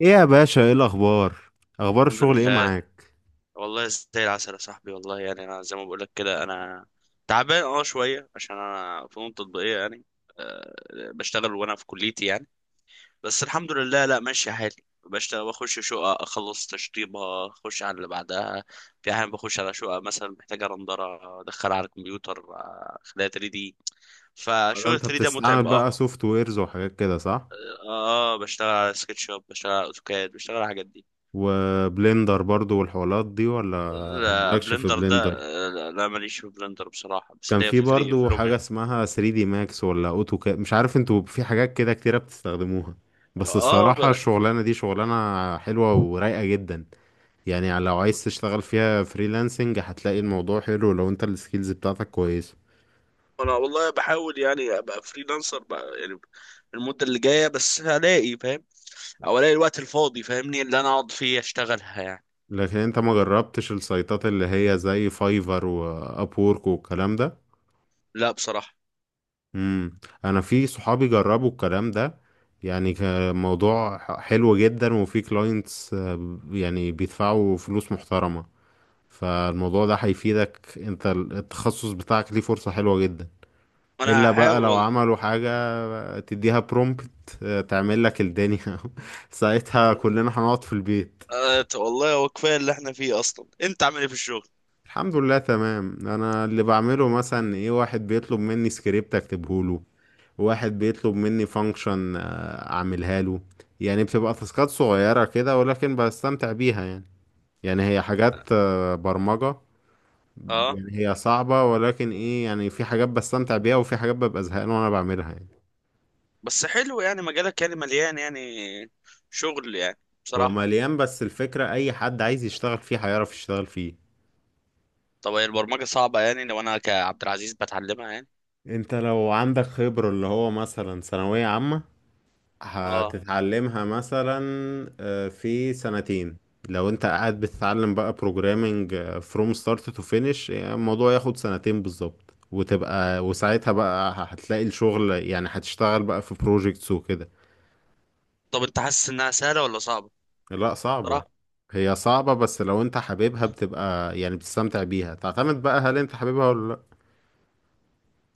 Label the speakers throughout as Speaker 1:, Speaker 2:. Speaker 1: ايه يا باشا، ايه الاخبار؟ اخبار
Speaker 2: الحمد
Speaker 1: الشغل ايه
Speaker 2: لله.
Speaker 1: معاك؟
Speaker 2: والله زي العسل يا صاحبي، والله يعني انا زي ما بقول لك كده انا تعبان شويه عشان انا فنون تطبيقيه يعني. أه. بشتغل وانا في كليتي يعني. بس الحمد لله، لا ماشي حالي. بشتغل، بخش شقه اخلص تشطيبها اخش على اللي بعدها. في احيان بخش على شقه مثلا محتاجه رندره، ادخلها على الكمبيوتر اخليها 3 دي.
Speaker 1: بدل
Speaker 2: فشغل
Speaker 1: انت
Speaker 2: 3 ده متعب
Speaker 1: بتستعمل بقى سوفت ويرز وحاجات كده، صح؟
Speaker 2: بشتغل على سكتش اب، بشتغل على اوتوكاد، بشتغل على الحاجات دي.
Speaker 1: وبلندر برضو والحوارات دي ولا؟
Speaker 2: لا
Speaker 1: مالكش في
Speaker 2: بلندر ده.
Speaker 1: بلندر؟
Speaker 2: لا ماليش في بلندر بصراحة، بس
Speaker 1: كان
Speaker 2: ليا
Speaker 1: في
Speaker 2: في ثري في
Speaker 1: برضو حاجة
Speaker 2: لوميان.
Speaker 1: اسمها 3 دي ماكس ولا اوتوكاد، مش عارف، انتوا في حاجات كده كتيرة بتستخدموها. بس
Speaker 2: اه ب-
Speaker 1: الصراحة الشغلانة دي شغلانة حلوة ورايقة جدا. يعني لو عايز تشتغل فيها فريلانسنج هتلاقي الموضوع حلو لو انت السكيلز بتاعتك كويسة.
Speaker 2: انا والله بحاول يعني ابقى فريلانسر بقى يعني المدة اللي جاية، بس هلاقي، فاهم، او الاقي الوقت الفاضي فاهمني اللي انا اقعد فيه اشتغلها يعني.
Speaker 1: لكن انت ما جربتش السايتات اللي هي زي فايفر واب وورك والكلام ده؟
Speaker 2: لا بصراحة.
Speaker 1: امم انا في صحابي جربوا الكلام ده. يعني كان موضوع حلو جدا وفي كلاينتس، يعني بيدفعوا فلوس محترمة. فالموضوع ده هيفيدك، انت التخصص بتاعك ليه فرصة حلوة جدا.
Speaker 2: انا
Speaker 1: الا بقى
Speaker 2: هحاول
Speaker 1: لو
Speaker 2: والله.
Speaker 1: عملوا حاجة تديها برومبت تعمل لك الدنيا. ساعتها كلنا هنقعد في البيت.
Speaker 2: والله هو كفاية اللي احنا فيه اصلا. انت عامل ايه في الشغل؟
Speaker 1: الحمد لله تمام. انا اللي بعمله مثلا ايه، واحد بيطلب مني سكريبت اكتبه له، واحد بيطلب مني فانكشن اعملها له. يعني بتبقى تاسكات صغيرة كده ولكن بستمتع بيها يعني. يعني هي حاجات برمجة.
Speaker 2: اه.
Speaker 1: يعني هي صعبة، ولكن ايه يعني، في حاجات بستمتع بيها وفي حاجات ببقى زهقان وانا بعملها يعني.
Speaker 2: بس حلو يعني، مجالك يعني مليان يعني شغل يعني،
Speaker 1: هو
Speaker 2: بصراحة.
Speaker 1: مليان، بس الفكرة اي حد عايز يشتغل فيه هيعرف يشتغل فيه.
Speaker 2: طب هي البرمجة صعبة يعني لو انا كعبد العزيز بتعلمها يعني؟
Speaker 1: انت لو عندك خبرة اللي هو مثلا ثانوية عامة
Speaker 2: اه.
Speaker 1: هتتعلمها مثلا في سنتين. لو انت قاعد بتتعلم بقى programming from start to finish، يعني الموضوع ياخد سنتين بالظبط، وتبقى وساعتها بقى هتلاقي الشغل، يعني هتشتغل بقى في projects وكده.
Speaker 2: طب انت حاسس انها سهله ولا صعبه
Speaker 1: لا، صعبة.
Speaker 2: صراحه؟
Speaker 1: هي صعبة بس لو انت حاببها بتبقى يعني بتستمتع بيها. تعتمد بقى هل انت حاببها ولا لا.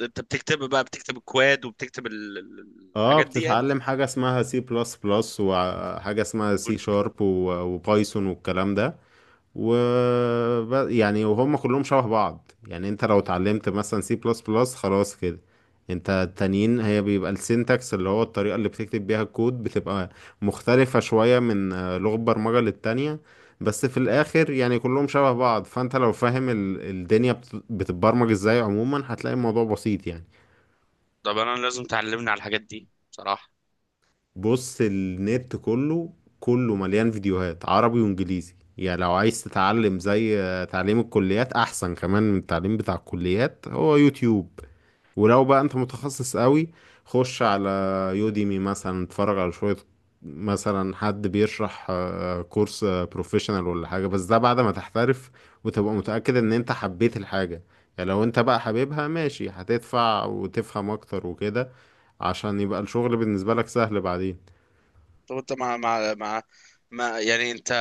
Speaker 2: انت بتكتب بقى، بتكتب الكواد وبتكتب
Speaker 1: اه،
Speaker 2: الحاجات دي يعني.
Speaker 1: بتتعلم حاجة اسمها سي بلس بلس وحاجة اسمها سي
Speaker 2: قول-
Speaker 1: شارب وبايثون والكلام ده. و يعني وهم كلهم شبه بعض. يعني انت لو اتعلمت مثلا سي بلس بلس خلاص كده، انت التانيين هي بيبقى السينتاكس، اللي هو الطريقة اللي بتكتب بيها الكود، بتبقى مختلفة شوية من لغة برمجة للتانية. بس في الاخر يعني كلهم شبه بعض. فانت لو فاهم الدنيا بتتبرمج ازاي عموما، هتلاقي الموضوع بسيط يعني.
Speaker 2: طب انا لازم تعلمني على الحاجات دي بصراحه.
Speaker 1: بص، النت كله، كله مليان فيديوهات عربي وانجليزي. يعني لو عايز تتعلم زي تعليم الكليات، احسن كمان من التعليم بتاع الكليات، هو يوتيوب. ولو بقى انت متخصص قوي، خش على يوديمي مثلا، اتفرج على شوية، مثلا حد بيشرح كورس بروفيشنال ولا حاجة. بس ده بعد ما تحترف وتبقى متأكد ان انت حبيت الحاجة. يعني لو انت بقى حبيبها ماشي، هتدفع وتفهم اكتر وكده، عشان يبقى الشغل بالنسبة لك سهل بعدين.
Speaker 2: طب انت مع ما يعني انت،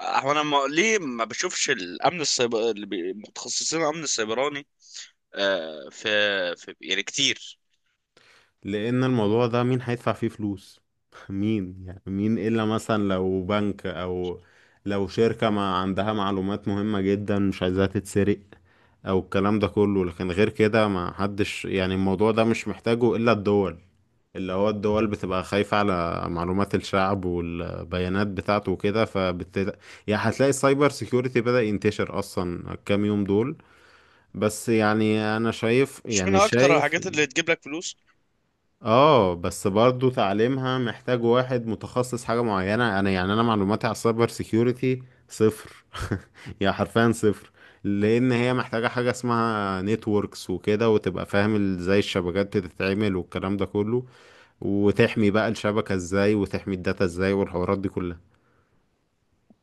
Speaker 2: هو انا ما... ليه ما بشوفش الامن السيبر اللي متخصصين الامن السيبراني؟ آه في... في يعني كتير.
Speaker 1: لان الموضوع ده مين هيدفع فيه فلوس؟ مين يعني؟ مين الا مثلا لو بنك، او لو شركة ما عندها معلومات مهمة جدا مش عايزاها تتسرق، او الكلام ده كله. لكن غير كده ما حدش، يعني الموضوع ده مش محتاجه الا الدول، اللي هو الدول بتبقى خايفة على معلومات الشعب والبيانات بتاعته وكده. فبت، يعني هتلاقي السايبر سيكيورتي بدأ ينتشر أصلا الكام يوم دول. بس يعني أنا شايف،
Speaker 2: مش من
Speaker 1: يعني
Speaker 2: اكتر
Speaker 1: شايف.
Speaker 2: الحاجات اللي تجيب لك فلوس؟
Speaker 1: اه بس برضو تعليمها محتاج واحد متخصص حاجة معينة. انا يعني انا معلوماتي على السايبر سيكيورتي صفر. يعني حرفيا صفر. لان هي محتاجة حاجة اسمها نتوركس وكده، وتبقى فاهم ازاي الشبكات بتتعمل والكلام ده كله، وتحمي بقى الشبكة ازاي، وتحمي الداتا ازاي، والحوارات دي كلها.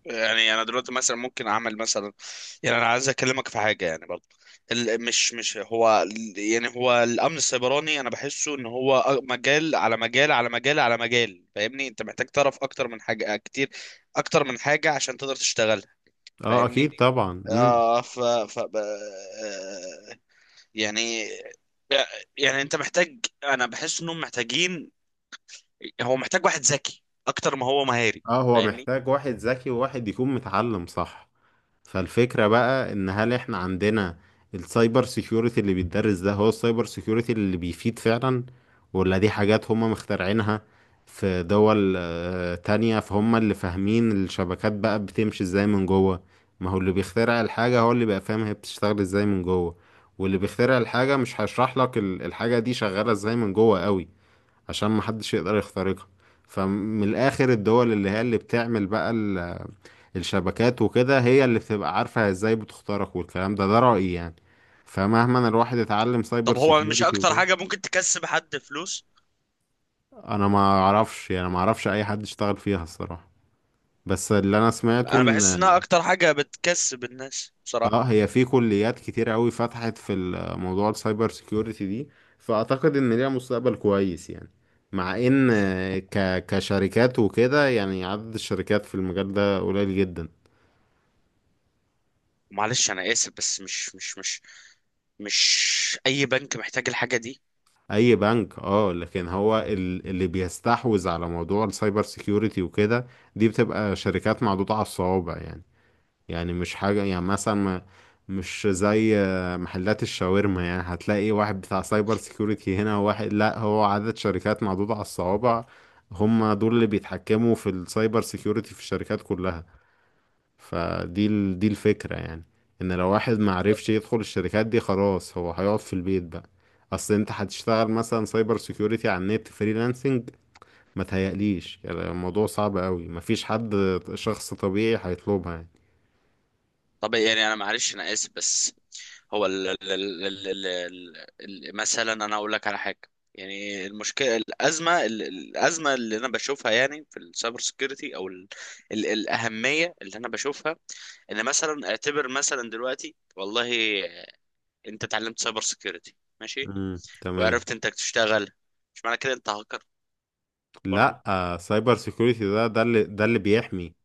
Speaker 2: يعني انا دلوقتي مثلا ممكن اعمل مثلا، يعني انا عايز اكلمك في حاجه يعني برضه. مش هو يعني هو الامن السيبراني انا بحسه ان هو مجال على مجال على مجال على مجال، فاهمني؟ انت محتاج تعرف اكتر من حاجه كتير، اكتر من حاجه عشان تقدر تشتغلها.
Speaker 1: اه اكيد
Speaker 2: فاهمني.
Speaker 1: طبعا.
Speaker 2: آه ف ف ب- آه، يعني يعني انت محتاج. انا بحس انهم محتاجين. هو محتاج واحد ذكي اكتر ما هو مهاري.
Speaker 1: اه، هو
Speaker 2: فاهمني.
Speaker 1: محتاج واحد ذكي وواحد يكون متعلم صح. فالفكرة بقى ان هل احنا عندنا السايبر سيكيورتي اللي بيتدرس ده هو السايبر سيكيورتي اللي بيفيد فعلا، ولا دي حاجات هم مخترعينها في دول تانية فهم اللي فاهمين الشبكات بقى بتمشي ازاي من جوه. ما هو اللي بيخترع الحاجة هو اللي بقى فاهم هي بتشتغل ازاي من جوه. واللي بيخترع الحاجة مش هيشرح لك الحاجة دي شغالة ازاي من جوه قوي، عشان محدش يقدر يخترقها. فمن الآخر، الدول اللي هي اللي بتعمل بقى الشبكات وكده هي اللي بتبقى عارفة ازاي بتخترق والكلام ده. ده رأيي يعني. فمهما الواحد اتعلم سايبر
Speaker 2: طب هو مش
Speaker 1: سيكيورتي
Speaker 2: اكتر
Speaker 1: وكده.
Speaker 2: حاجة ممكن تكسب حد فلوس؟
Speaker 1: انا ما اعرفش، يعني ما اعرفش اي حد اشتغل فيها الصراحة. بس اللي انا سمعته
Speaker 2: انا بحس انها
Speaker 1: ان،
Speaker 2: اكتر حاجه بتكسب الناس بصراحه.
Speaker 1: اه، هي في كليات كتير قوي فتحت في موضوع السايبر سيكيورتي دي، فاعتقد ان ليها مستقبل كويس يعني. مع ان كشركات وكده، يعني عدد الشركات في المجال ده قليل جدا.
Speaker 2: معلش انا اسف بس مش اي بنك محتاج الحاجه دي؟
Speaker 1: اي بنك اه، لكن هو اللي بيستحوذ على موضوع السايبر سيكيورتي وكده دي بتبقى شركات معدودة على الصوابع. يعني يعني مش حاجة يعني مثلا مش زي محلات الشاورما، يعني هتلاقي واحد بتاع سايبر سيكيورتي هنا وواحد. لا، هو عدد شركات معدودة على الصوابع، هم دول اللي بيتحكموا في السايبر سيكيورتي في الشركات كلها. دي الفكرة يعني. ان لو واحد معرفش يدخل الشركات دي خلاص هو هيقعد في البيت بقى. اصل انت هتشتغل مثلا سايبر سيكيورتي على النت فريلانسنج، ما تهيأليش، يعني الموضوع صعب قوي، مفيش حد، شخص طبيعي هيطلبها يعني.
Speaker 2: طب يعني انا، معلش انا اسف بس، هو ال ال ال ال ال ال ال مثلا انا اقول لك على حاجه. يعني المشكله الازمه الازمه اللي انا بشوفها يعني في السايبر سكيورتي او ال ال الاهميه اللي انا بشوفها ان مثلا اعتبر مثلا دلوقتي والله، انت اتعلمت سايبر سكيورتي، ماشي،
Speaker 1: امم، تمام.
Speaker 2: وعرفت انك تشتغل، مش معنى كده انت برضو.
Speaker 1: لا، سايبر سيكيورتي ده اللي بيحمي،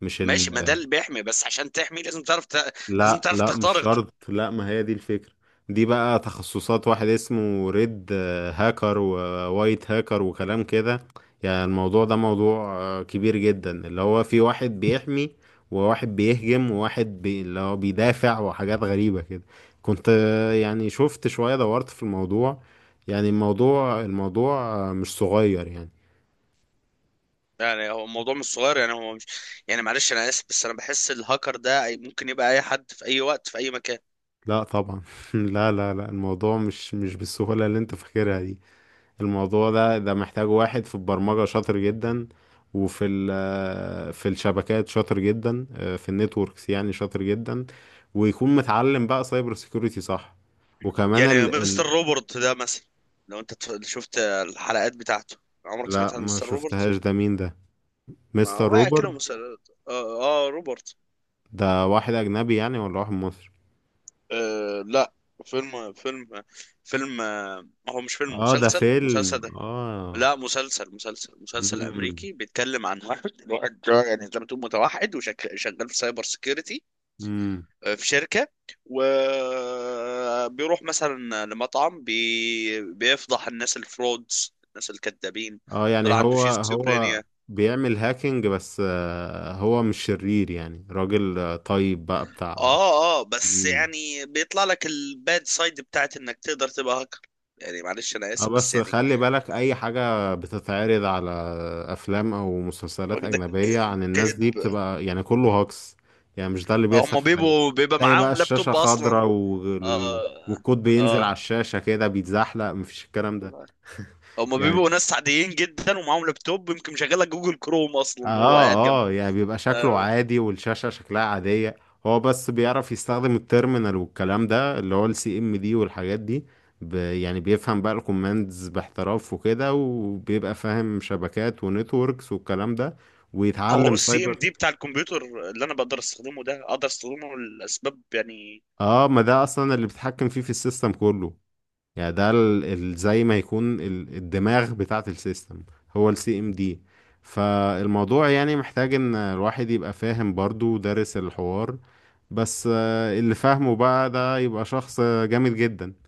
Speaker 1: مش
Speaker 2: ماشي، ما ده
Speaker 1: ال...
Speaker 2: اللي بيحمي، بس عشان تحمي لازم تعرف لازم
Speaker 1: لا
Speaker 2: تعرف
Speaker 1: لا، مش
Speaker 2: تخترق.
Speaker 1: شرط. لا، ما هي دي الفكرة. دي بقى تخصصات، واحد اسمه ريد هاكر ووايت هاكر وكلام كده. يعني الموضوع ده موضوع كبير جدا، اللي هو في واحد بيحمي وواحد بيهجم اللي هو بيدافع، وحاجات غريبة كده. كنت يعني شفت شوية، دورت في الموضوع. يعني الموضوع مش صغير يعني.
Speaker 2: يعني هو الموضوع مش صغير يعني هو مش. يعني معلش انا اسف بس انا بحس الهاكر ده ممكن يبقى اي حد في اي وقت في اي مكان.
Speaker 1: لا طبعا. لا لا لا، الموضوع مش بالسهولة اللي انت فاكرها دي. الموضوع ده محتاج واحد في البرمجة شاطر جدا، وفي ال في الشبكات شاطر جدا، في النتوركس يعني شاطر جدا، ويكون متعلم بقى سايبر سيكوريتي صح. وكمان
Speaker 2: يعني
Speaker 1: ال
Speaker 2: مستر روبرت ده مثلا، لو انت شفت الحلقات بتاعته. عمرك
Speaker 1: لا،
Speaker 2: سمعت عن
Speaker 1: ما
Speaker 2: مستر روبرت؟
Speaker 1: شفتهاش، ده مين ده؟
Speaker 2: ما
Speaker 1: مستر
Speaker 2: واقع
Speaker 1: روبر
Speaker 2: كده، مستر اه, روبرت.
Speaker 1: ده واحد أجنبي يعني ولا واحد مصري؟
Speaker 2: لا، فيلم فيلم فيلم، هو مش فيلم،
Speaker 1: اه، ده
Speaker 2: مسلسل
Speaker 1: فيلم،
Speaker 2: مسلسل
Speaker 1: اه.
Speaker 2: لا، مسلسل
Speaker 1: امم.
Speaker 2: امريكي بيتكلم عن واحد يعني زي ما تقول متوحد وشغال في سايبر سيكيورتي.
Speaker 1: امم.
Speaker 2: في شركه. وبيروح مثلا لمطعم بيفضح الناس الفرودز الناس الكذابين.
Speaker 1: اه،
Speaker 2: طلع
Speaker 1: يعني
Speaker 2: عنده
Speaker 1: هو هو
Speaker 2: شيزوفرينيا.
Speaker 1: بيعمل هاكينج، بس هو مش شرير يعني، راجل طيب بقى بتاع.
Speaker 2: اه بس
Speaker 1: مم.
Speaker 2: يعني بيطلع لك الباد سايد بتاعت انك تقدر تبقى هاكر. يعني معلش انا
Speaker 1: اه،
Speaker 2: اسف بس
Speaker 1: بس
Speaker 2: يعني.
Speaker 1: خلي بالك، اي حاجة بتتعرض على افلام او مسلسلات
Speaker 2: واخدك،
Speaker 1: اجنبية عن الناس دي
Speaker 2: كذب.
Speaker 1: بتبقى يعني كله هوكس. يعني مش ده اللي بيحصل
Speaker 2: هم
Speaker 1: في الحقيقة.
Speaker 2: بيبقى
Speaker 1: تلاقي بقى
Speaker 2: معاهم
Speaker 1: الشاشة
Speaker 2: لابتوب
Speaker 1: خضراء
Speaker 2: اصلا. اه
Speaker 1: والكود بينزل على
Speaker 2: اه
Speaker 1: الشاشة كده بيتزحلق، مفيش الكلام ده
Speaker 2: هما
Speaker 1: يعني.
Speaker 2: بيبقوا ناس عاديين جدا ومعاهم لابتوب يمكن مشغله جوجل كروم اصلا
Speaker 1: اه
Speaker 2: وهو قاعد جنبه.
Speaker 1: اه، يعني بيبقى شكله
Speaker 2: آه،
Speaker 1: عادي والشاشة شكلها عادية. هو بس بيعرف يستخدم التيرمينال والكلام ده، اللي هو السي ام دي والحاجات دي. ب، يعني بيفهم بقى الكوماندز باحتراف وكده، وبيبقى فاهم شبكات ونتوركس والكلام ده،
Speaker 2: طب هو
Speaker 1: ويتعلم
Speaker 2: السي ام
Speaker 1: سايبر.
Speaker 2: دي بتاع الكمبيوتر اللي انا بقدر استخدمه ده اقدر استخدمه لاسباب يعني؟
Speaker 1: اه، ما ده اصلا اللي بيتحكم فيه في السيستم كله. يعني ده زي ما يكون الدماغ بتاعة السيستم هو السي ام دي. فالموضوع يعني محتاج ان الواحد يبقى فاهم برضو ودارس الحوار. بس اللي فاهمه بقى ده يبقى شخص جامد جدا.